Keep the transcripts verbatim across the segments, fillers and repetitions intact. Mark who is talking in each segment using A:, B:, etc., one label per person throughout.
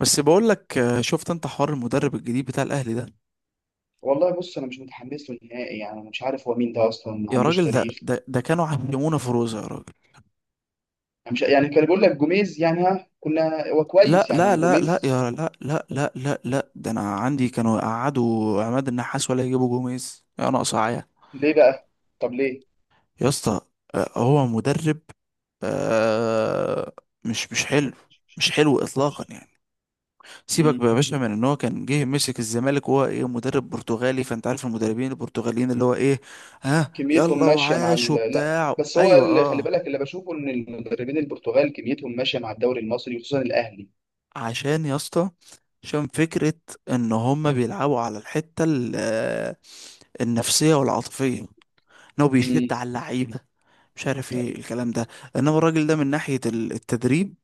A: بس بقول لك آه، شفت انت حوار المدرب الجديد بتاع الاهلي ده.
B: والله، بص، انا مش متحمس له نهائي. يعني انا مش عارف هو مين ده اصلا، ما
A: يا
B: عندوش
A: راجل، ده
B: تاريخ.
A: ده, ده كانوا عملونا فروزه يا راجل.
B: انا مش يعني كان بيقول لك جوميز، يعني ها كنا هو
A: لا
B: كويس،
A: لا
B: يعني
A: لا لا،
B: جوميز.
A: يا، لا لا لا لا لا، ده انا عندي كانوا يقعدوا عماد النحاس ولا يجيبوا جوميز يا ناقص عيا.
B: ليه بقى؟ طب ليه؟
A: يا اسطى. آه، هو مدرب. آه، مش مش حلو. مش حلو اطلاقا يعني. سيبك
B: مم.
A: بقى يا باشا من ان هو كان جه مسك الزمالك وهو ايه مدرب برتغالي، فانت عارف المدربين البرتغاليين اللي هو ايه. ها
B: كميتهم
A: يلا
B: ماشيه مع
A: وعاش
B: ال... لا،
A: وبتاع،
B: بس هو
A: ايوه
B: اللي خلي
A: اه.
B: بالك، اللي بشوفه ان المدربين البرتغال كميتهم ماشيه مع الدوري المصري، وخصوصا الاهلي.
A: عشان يا اسطى، عشان فكرة ان هما بيلعبوا على الحتة ال- آه، النفسية والعاطفية، ان هو
B: امم.
A: بيشد على اللعيبة، مش عارف ايه
B: طيب.
A: الكلام ده. انما الراجل ده من ناحية ال- التدريب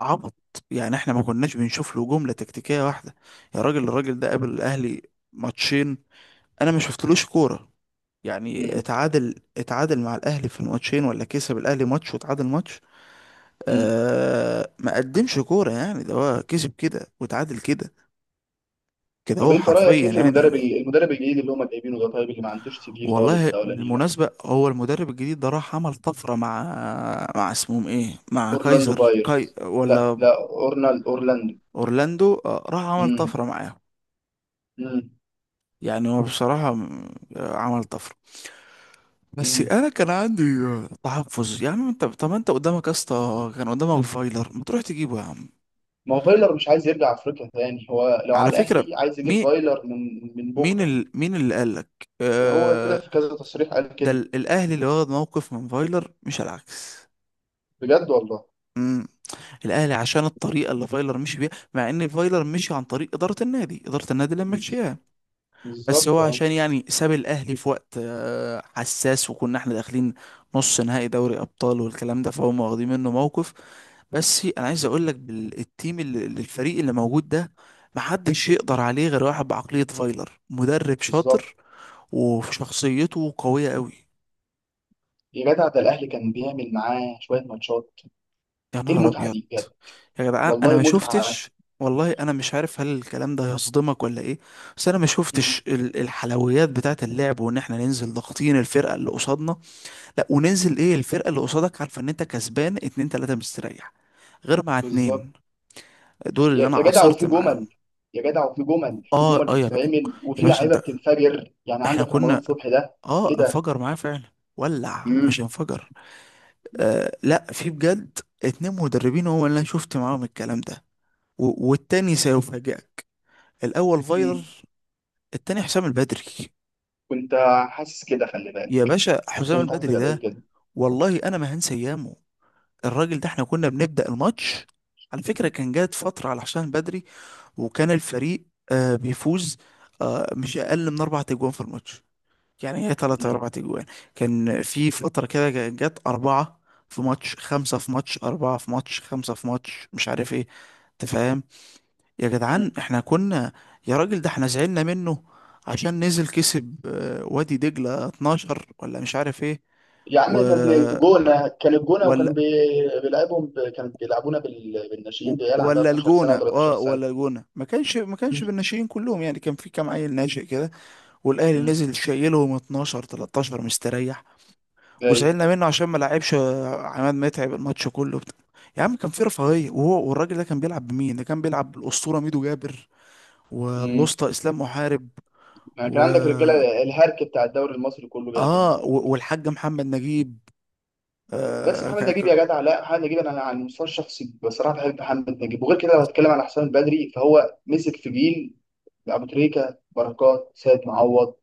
A: عبط، يعني احنا ما كناش بنشوف له جملة تكتيكية واحدة. يا راجل الراجل ده قابل الاهلي ماتشين، انا ما شفتلوش كورة. يعني
B: امم.
A: اتعادل اتعادل مع الاهلي في الماتشين، ولا كسب الاهلي ماتش وتعادل ماتش.
B: امم.
A: آه ما قدمش كورة يعني، ده هو كسب كده وتعادل كده، كده
B: طب
A: هو
B: انت رايك
A: حرفيا
B: ايه في
A: يعني.
B: المدرب ال- المدرب الجديد اللي هم جايبينه ده؟ طيب، اللي ما عندوش سي في خالص
A: والله
B: ده، ولا نيله؟
A: بالمناسبة هو المدرب الجديد ده راح عمل طفرة مع مع اسمهم ايه، مع
B: اورلاندو
A: كايزر
B: بايرز.
A: كاي
B: لا،
A: ولا
B: لا، اورنال اورلاندو.
A: اورلاندو. آه، راح عمل طفرة معاهم.
B: امم.
A: يعني هو بصراحة م- آه، عمل طفرة. بس
B: مم.
A: انا كان عندي آه، تحفظ. يا عم انت طب ما انت قدامك يا اسطى، كان قدامك فايلر، ما تروح تجيبه يا عم؟
B: ما هو فايلر مش عايز يرجع افريقيا تاني، هو لو على
A: على فكرة
B: الاهلي عايز يجيب
A: مين؟
B: فايلر من من
A: مين
B: بكره.
A: ال... مين اللي قالك
B: هو طلع
A: آه...
B: في كذا تصريح قال
A: ده
B: كده.
A: ال- الاهلي اللي واخد موقف من فايلر مش العكس.
B: بجد والله.
A: مم. الاهلي عشان الطريقه اللي فايلر مشي بيها، مع ان فايلر مشي عن طريق اداره النادي، اداره النادي اللي
B: بز-
A: مشيها. بس هو
B: بالظبط، اه.
A: عشان يعني ساب الاهلي في وقت آه، حساس، وكنا احنا داخلين نص نهائي دوري ابطال والكلام ده، فهم واخدين منه موقف. بس انا عايز اقول لك، بالتيم اللي اللي- الفريق اللي موجود ده، محدش يقدر عليه غير واحد بعقليه فايلر. مدرب
B: بالظبط.
A: شاطر وشخصيته قويه قوي.
B: يا جدع، ده الاهلي كان بيعمل معاه شويه ماتشات،
A: يا
B: ايه
A: نهار
B: المتعه
A: ابيض.
B: دي بجد؟
A: يا جدعان انا
B: والله
A: ما
B: متعه.
A: شفتش. والله انا مش عارف هل الكلام ده هيصدمك ولا ايه، بس انا ما
B: مم.
A: شفتش ال- الحلويات بتاعه اللعب، وان احنا ننزل ضاغطين الفرقه اللي قصادنا. لا وننزل ايه الفرقه اللي قصادك عارفه ان انت كسبان اتنين تلاته مستريح، غير مع
B: بالظبط.
A: اتنين. دول
B: يا
A: اللي انا
B: يا جدع،
A: عاصرت
B: وفي
A: معاهم.
B: جمل يا جدع وفي جمل في
A: اه
B: جمل
A: اه يا بقى.
B: بتتعمل،
A: يا
B: وفي
A: باشا
B: لعيبه
A: انت،
B: بتنفجر، يعني
A: احنا
B: عندك رمضان
A: كنا.
B: صبحي ده. ايه
A: اه
B: ده؟
A: انفجر معاه فعلا. ولع
B: مم.
A: مش انفجر. آه لا، في بجد اتنين مدربين هو اللي انا شفت معاهم الكلام ده. و- والتاني سيفاجئك. الاول فايلر،
B: مم.
A: التاني حسام البدري.
B: كنت حاسس كده، خلي
A: يا
B: بالك.
A: باشا، حسام
B: كنت حاسس
A: البدري
B: كده
A: ده
B: كده.
A: والله انا ما هنسى ايامه. الراجل ده احنا كنا بنبدأ الماتش، على فكرة كان جات فترة على حسام البدري، وكان الفريق آه بيفوز آه مش اقل من اربع تجوان في الماتش، يعني هي ثلاثة اربع تجوان. كان في فترة كده جا- جات اربعة في ماتش، خمسة في ماتش، اربعة في ماتش، خمسة في ماتش، مش عارف ايه. تفهم؟ يا جدعان
B: مم.
A: احنا كنا. يا راجل ده احنا زعلنا منه عشان نزل كسب آه، وادي دجلة اتناشر، ولا مش عارف ايه.
B: يا عم،
A: و...
B: كان الجونة كان الجونة، وكان
A: ولا
B: بي- بيلعبهم ب... كان بيلعبونا بال...
A: و-
B: بالناشئين، بعيال عندها
A: ولا
B: اتناشر سنة
A: الجونة،
B: و13
A: اه
B: سنة.
A: ولا الجونة ما كانش ما كانش
B: مم.
A: بالناشئين كلهم يعني، كان في كام عيل ناشئ كده. والاهلي
B: مم.
A: نزل شايلهم اتناشر تلتاشر مستريح.
B: جاي.
A: وزعلنا منه عشان ما لعبش آه، عماد متعب الماتش كله بت... يا عم كان في رفاهية، وهو والراجل ده كان بيلعب بمين؟ ده كان بيلعب بالأسطورة ميدو جابر،
B: مم.
A: والأسطى إسلام محارب،
B: يعني كان
A: و...
B: عندك رجالة الهرك بتاع الدوري المصري كله
A: اه
B: جايبين.
A: و- والحاج محمد نجيب
B: بس
A: اه, ك...
B: محمد نجيب يا
A: ك...
B: جدع، لا، محمد نجيب انا على المستوى الشخصي بصراحة بحب محمد نجيب، وغير كده لو هتكلم على حسام البدري فهو مسك في جيل ابو تريكة، بركات، سيد معوض.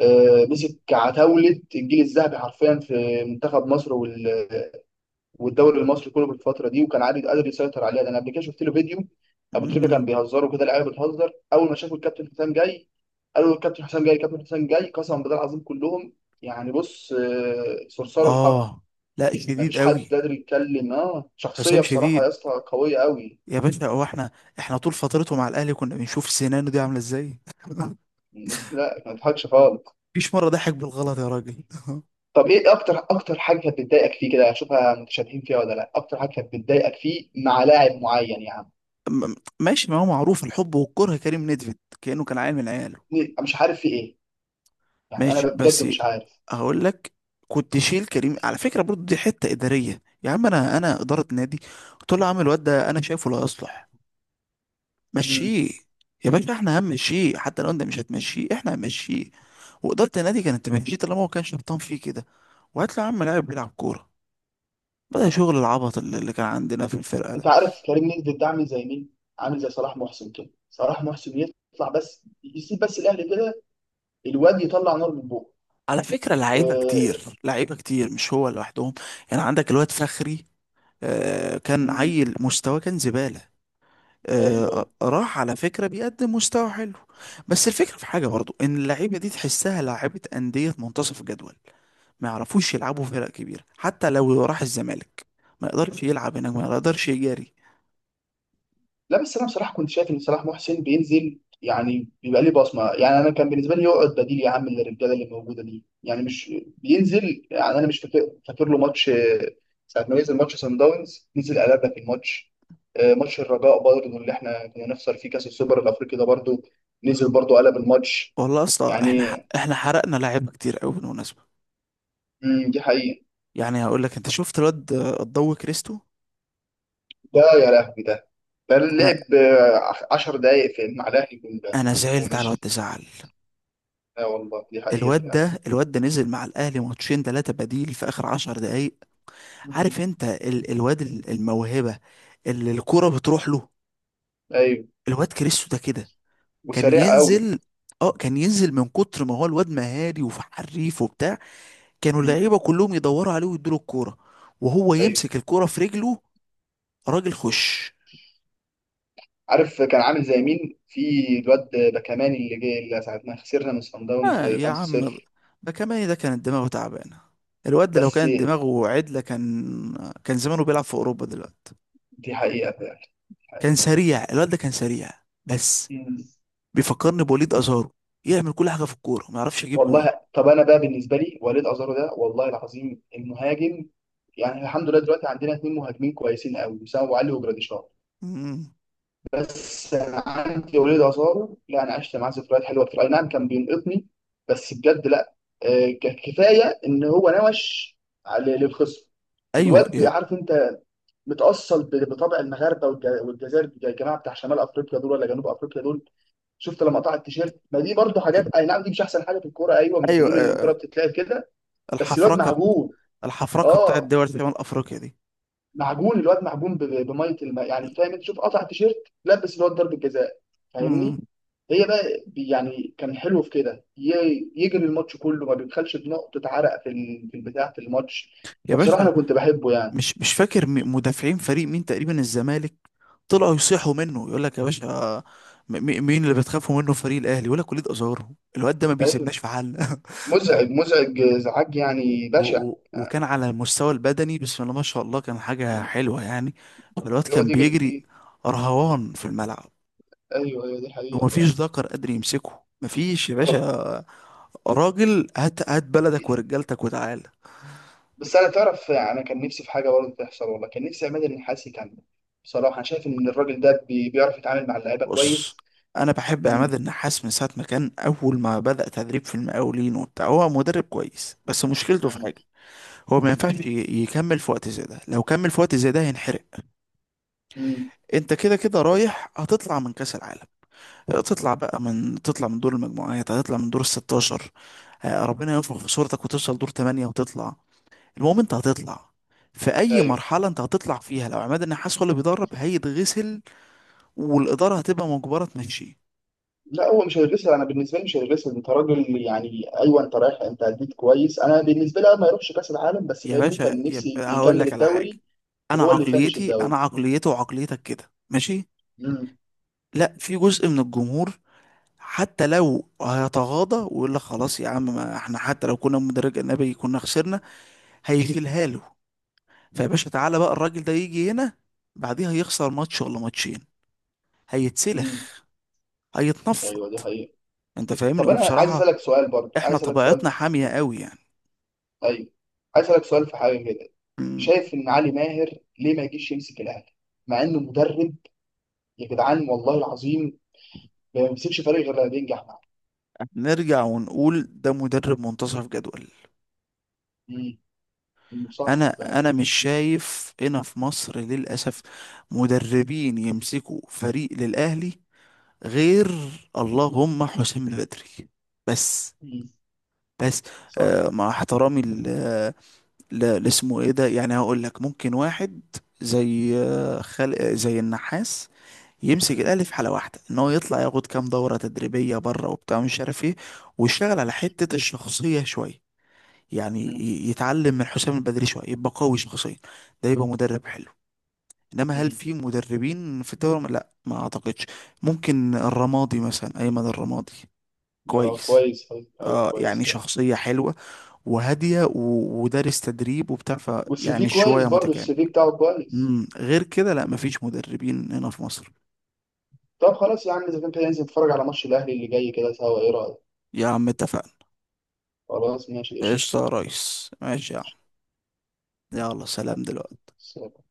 B: آه، مسك عتاولة الجيل الذهبي حرفيا في منتخب مصر وال والدوري المصري كله في الفتره دي، وكان عادي قادر يسيطر عليها. ده انا قبل كده شفت له فيديو، ابو تريكه
A: مم.
B: كان بيهزروا كده، اللعيبه بتهزر اول ما شافوا الكابتن حسام جاي، قالوا الكابتن حسام جاي، الكابتن حسام جاي، قسما بالله العظيم كلهم. يعني بص، آه، صرصار الحق،
A: آه. لا
B: ما
A: شديد
B: فيش حد
A: قوي.
B: قادر يتكلم. اه
A: حسام
B: شخصيه بصراحه يا
A: شديد.
B: اسطى، قويه قوي.
A: يا باشا هو احنا، احنا طول فترته مع الاهلي كنا بنشوف سنانه دي عامله ازاي
B: لا، ما تضحكش خالص.
A: مفيش مره ضحك بالغلط يا راجل.
B: طب ايه اكتر اكتر حاجه كانت بتضايقك فيه كده؟ اشوفها متشابهين فيها ولا لا؟ اكتر حاجه كانت بتضايقك فيه مع لاعب معين يعني.
A: م- م- ماشي، ما هو معروف الحب والكره، كريم نيدفيد كانه كان عيل من عياله.
B: مش عارف في ايه، يعني انا
A: ماشي
B: بجد
A: بس،
B: مش عارف.
A: هقول لك. كنت شيل كريم على فكره برضو، دي حته اداريه يا عم، انا، انا اداره نادي قلت له يا عم الواد ده انا شايفه لا يصلح،
B: مم.
A: مشيه. يا باشا احنا هنمشيه، حتى لو انت مش هتمشيه احنا هنمشيه. وإدارة النادي كانت تمشيه طالما هو كان شبطان فيه كده. وهات له يا عم لاعب بيلعب كورة. بدأ شغل العبط اللي اللي كان عندنا في الفرقة ده.
B: انت عارف كريم نيدفيد ده عامل زي مين؟ عامل زي صلاح محسن كده، صلاح محسن يطلع بس يسيب بس الاهلي كده. الواد يطلع نار من بوقه.
A: على فكرة لعيبة
B: آه.
A: كتير، لعيبة كتير مش هو لوحدهم. يعني عندك الواد فخري، آه كان
B: مم.
A: عيل مستواه كان زبالة. آه
B: ايوه، ايوه.
A: آه، راح على فكرة بيقدم مستوى حلو. بس الفكرة في حاجة برضو ان اللعيبة دي تحسها لعيبة أندية منتصف الجدول، ما يعرفوش يلعبوا في فرق كبيرة. حتى لو راح الزمالك ما يقدرش يلعب هناك، ما يقدرش يجاري.
B: لا، بس انا بصراحه كنت شايف ان صلاح محسن بينزل يعني بيبقى ليه بصمه، يعني انا كان بالنسبه لي يقعد بديل يا عم للرجاله اللي موجوده دي، يعني مش بينزل. يعني انا مش فاكر فاكر له ماتش، آه، ساعه ما نزل ماتش سان داونز، نزل قلبنا في الماتش. آه، ماتش الرجاء برضه اللي احنا كنا نخسر فيه كاس السوبر الافريقي ده، برضه نزل برضه قلب الماتش
A: والله يا اسطى، احنا
B: يعني.
A: ح- احنا حرقنا لعيبة كتير قوي بالمناسبة.
B: امم، دي حقيقة.
A: يعني هقول لك، انت شفت الواد آه، الضو كريستو؟
B: ده يا لهوي ده! ده
A: انا
B: اللعب آه، عشر دقايق في مع الأهلي، الجون ده.
A: انا زعلت على الواد
B: ومشي.
A: ده زعل.
B: لا والله، دي حقيقة
A: الواد
B: فعلا.
A: ده الواد ده نزل مع الاهلي ماتشين ثلاثة بديل في اخر عشر دقايق.
B: امم.
A: عارف انت ال الواد ال- الموهبة اللي الكرة بتروح له؟
B: أيوه.
A: الواد كريستو ده كده كان
B: وسريع قوي.
A: ينزل، اه كان ينزل من كتر ما هو الواد مهاري وحريف وبتاع، كانوا
B: امم.
A: اللعيبه كلهم يدوروا عليه ويدوا له الكوره، وهو
B: أيوه.
A: يمسك الكوره في رجله، راجل خش.
B: عارف كان عامل زي مين في الواد باكاماني اللي جه، اللي ساعتنا خسرنا من صن داونز
A: آه يا عم
B: خمسة صفر.
A: ده كمان ده كانت دماغه تعبانه. الواد ده لو
B: بس
A: كانت دماغه عدله كان كان زمانه بيلعب في اوروبا دلوقتي.
B: دي حقيقة فعلا، دي
A: كان
B: حقيقة.
A: سريع الواد ده، كان سريع. بس
B: مم.
A: بيفكرني بوليد ازارو، يعمل كل حاجه في الكوره ما يعرفش يجيب جون.
B: والله، طب أنا بقى بالنسبة لي وليد أزارو ده والله العظيم المهاجم، يعني الحمد لله دلوقتي عندنا اتنين مهاجمين كويسين قوي، وسام أبو علي وجراديشار.
A: مم.
B: بس انا عندي وليد عصاره، لا، انا عشت معاه ذكريات حلوه كتير، اي نعم كان بينقطني بس بجد لا. آه، ك- كفايه ان هو نوش على للخصم.
A: ايوه
B: الواد
A: يا-
B: عارف انت، متاصل ب- بطبع المغاربه والج- والجزائر، الج- الجماعه بتاع شمال افريقيا دول ولا جنوب افريقيا دول. شفت لما قطع التيشيرت؟ ما دي برضو حاجات، اي نعم دي مش احسن حاجه في الكوره، ايوه مش
A: ايوه
B: بنقول ان الكوره
A: آه،
B: بتتلعب كده. بس الواد
A: الحفركه بت-
B: معجون.
A: الحفركه بتاعت
B: اه،
A: دول شمال افريقيا دي.
B: معجون، الواد معجون ب- ب- بميه الماء يعني. فاهم انت؟ شوف، قطع تيشيرت، لبس الواد ضربه جزاء،
A: مم.
B: فاهمني؟ هي بقى بي- يعني كان حلو في كده ي- يجري الماتش كله، ما بيبخلش بنقطه عرق في ال- في البتاع في الماتش.
A: يا
B: فبصراحه
A: باشا
B: انا كنت بحبه يعني.
A: مش مش فاكر م- مدافعين فريق مين، تقريبا الزمالك، طلعوا يصيحوا منه يقول لك يا باشا م- م- مين اللي بتخافوا منه فريق الاهلي؟ يقول لك وليد ازارو، الواد ده ما
B: ايوه،
A: بيسيبناش في حل
B: مزعج، مزعج، ازعاج يعني
A: و-
B: بشع.
A: و- وكان على المستوى البدني بسم الله ما شاء الله، كان حاجة
B: يعني
A: حلوة يعني. الواد
B: يقعد
A: كان
B: يجري
A: بيجري
B: كتير.
A: رهوان في الملعب،
B: ايوه ايوه، دي حقيقه.
A: ومفيش ذكر قادر يمسكه، مفيش يا
B: طب،
A: باشا. راجل هات هات بلدك ورجالتك وتعال.
B: بس انا تعرف، انا كان نفسي في حاجه برضه تحصل والله، كان نفسي عماد النحاس يكمل. بصراحه انا شايف ان الراجل ده بي- بيعرف يتعامل مع اللعيبه
A: بص،
B: كويس.
A: انا بحب عماد النحاس من ساعه ما كان، اول ما بدأ تدريب في المقاولين وبتاع، هو مدرب كويس، بس مشكلته في
B: امم.
A: حاجه، هو ما
B: مم.
A: ينفعش ي- يكمل في وقت زي ده. لو كمل في وقت زي ده هينحرق.
B: مم.
A: انت كده كده رايح، هتطلع من كاس العالم، تطلع بقى من تطلع من دور المجموعات، هتطلع من دور ال ستة عشر. آه، ربنا ينفخ في صورتك وتوصل دور ثمانية وتطلع. المهم انت هتطلع، في اي
B: ايوه.
A: مرحله انت هتطلع فيها، لو عماد النحاس هو اللي بيدرب هيتغسل، والاداره هتبقى مجبره تمشيه.
B: لا، هو مش هيغسل، انا بالنسبه لي مش هيغسل. انت راجل يعني، ايوه انت رايح، انت اديت كويس. انا بالنسبه لي، أنا ما يروحش كاس العالم، بس
A: يا
B: فاهمني
A: باشا
B: كان
A: يبقى
B: نفسي
A: هقول
B: يكمل
A: لك على حاجة.
B: الدوري
A: أنا
B: وهو اللي يفنش
A: عقليتي،
B: الدوري.
A: أنا عقليته وعقليتك كده ماشي،
B: امم.
A: لا في جزء من الجمهور حتى لو هيتغاضى ويقول لك خلاص يا عم، ما احنا حتى لو كنا مدرج أجنبي كنا خسرنا، هيشيلها له. فيا باشا تعالى بقى، الراجل ده يجي هنا بعديها يخسر ماتش ولا ماتشين
B: امم.
A: هيتسلخ، هيتنفض.
B: ايوه، دي حقيقه.
A: انت فاهمني،
B: طب انا عايز
A: وبصراحة
B: اسالك سؤال برضه،
A: احنا
B: عايز اسالك سؤال
A: طبيعتنا
B: في حاجه
A: حامية
B: كده.
A: قوي يعني.
B: ايوه. عايز اسالك سؤال في حاجه كده.
A: مم.
B: شايف ان علي ماهر ليه ما يجيش يمسك الاهلي، مع انه مدرب؟ يا جدعان والله العظيم، ما بيمسكش فريق غير لما بينجح معاه.
A: نرجع ونقول ده مدرب منتصف جدول.
B: امم، صح
A: انا
B: فعلا.
A: انا مش شايف هنا في مصر للاسف مدربين يمسكوا فريق للاهلي، غير اللهم حسام البدري بس.
B: مم.
A: بس
B: صح.
A: آه مع احترامي ل- ل- لاسمه ايه ده، يعني هقول لك ممكن واحد زي آه، خل... آه، زي النحاس يمسك الاهلي في حاله واحده، ان هو يطلع ياخد كام دوره تدريبيه بره وبتاع مش عارف ايه، ويشتغل على حته الشخصيه شويه، يعني
B: مم.
A: ي- يتعلم من حسام البدري شويه، يبقى قوي شخصيا، ده يبقى مدرب حلو. انما هل
B: مم.
A: في مدربين في الدوري؟ لا ما اعتقدش. ممكن الرمادي مثلا، ايمن الرمادي
B: اه،
A: كويس،
B: كويس أوي. ايوه،
A: اه
B: كويس
A: يعني
B: فعلا.
A: شخصيه حلوه وهاديه و- ودارس تدريب وبتاع، ف
B: والسي في
A: يعني
B: كويس
A: شويه
B: برضه،
A: متكامل.
B: السي في بتاعه كويس.
A: امم غير كده لا مفيش مدربين هنا في مصر.
B: طب خلاص يا عم، اذا كان كده ننزل نتفرج على ماتش الاهلي اللي جاي كده سوا، ايه رايك؟
A: يا عم اتفقنا.
B: خلاص ماشي.
A: قشطه يا ريس، ماشي يا عم، يلا سلام دلوقتي.
B: قشطه.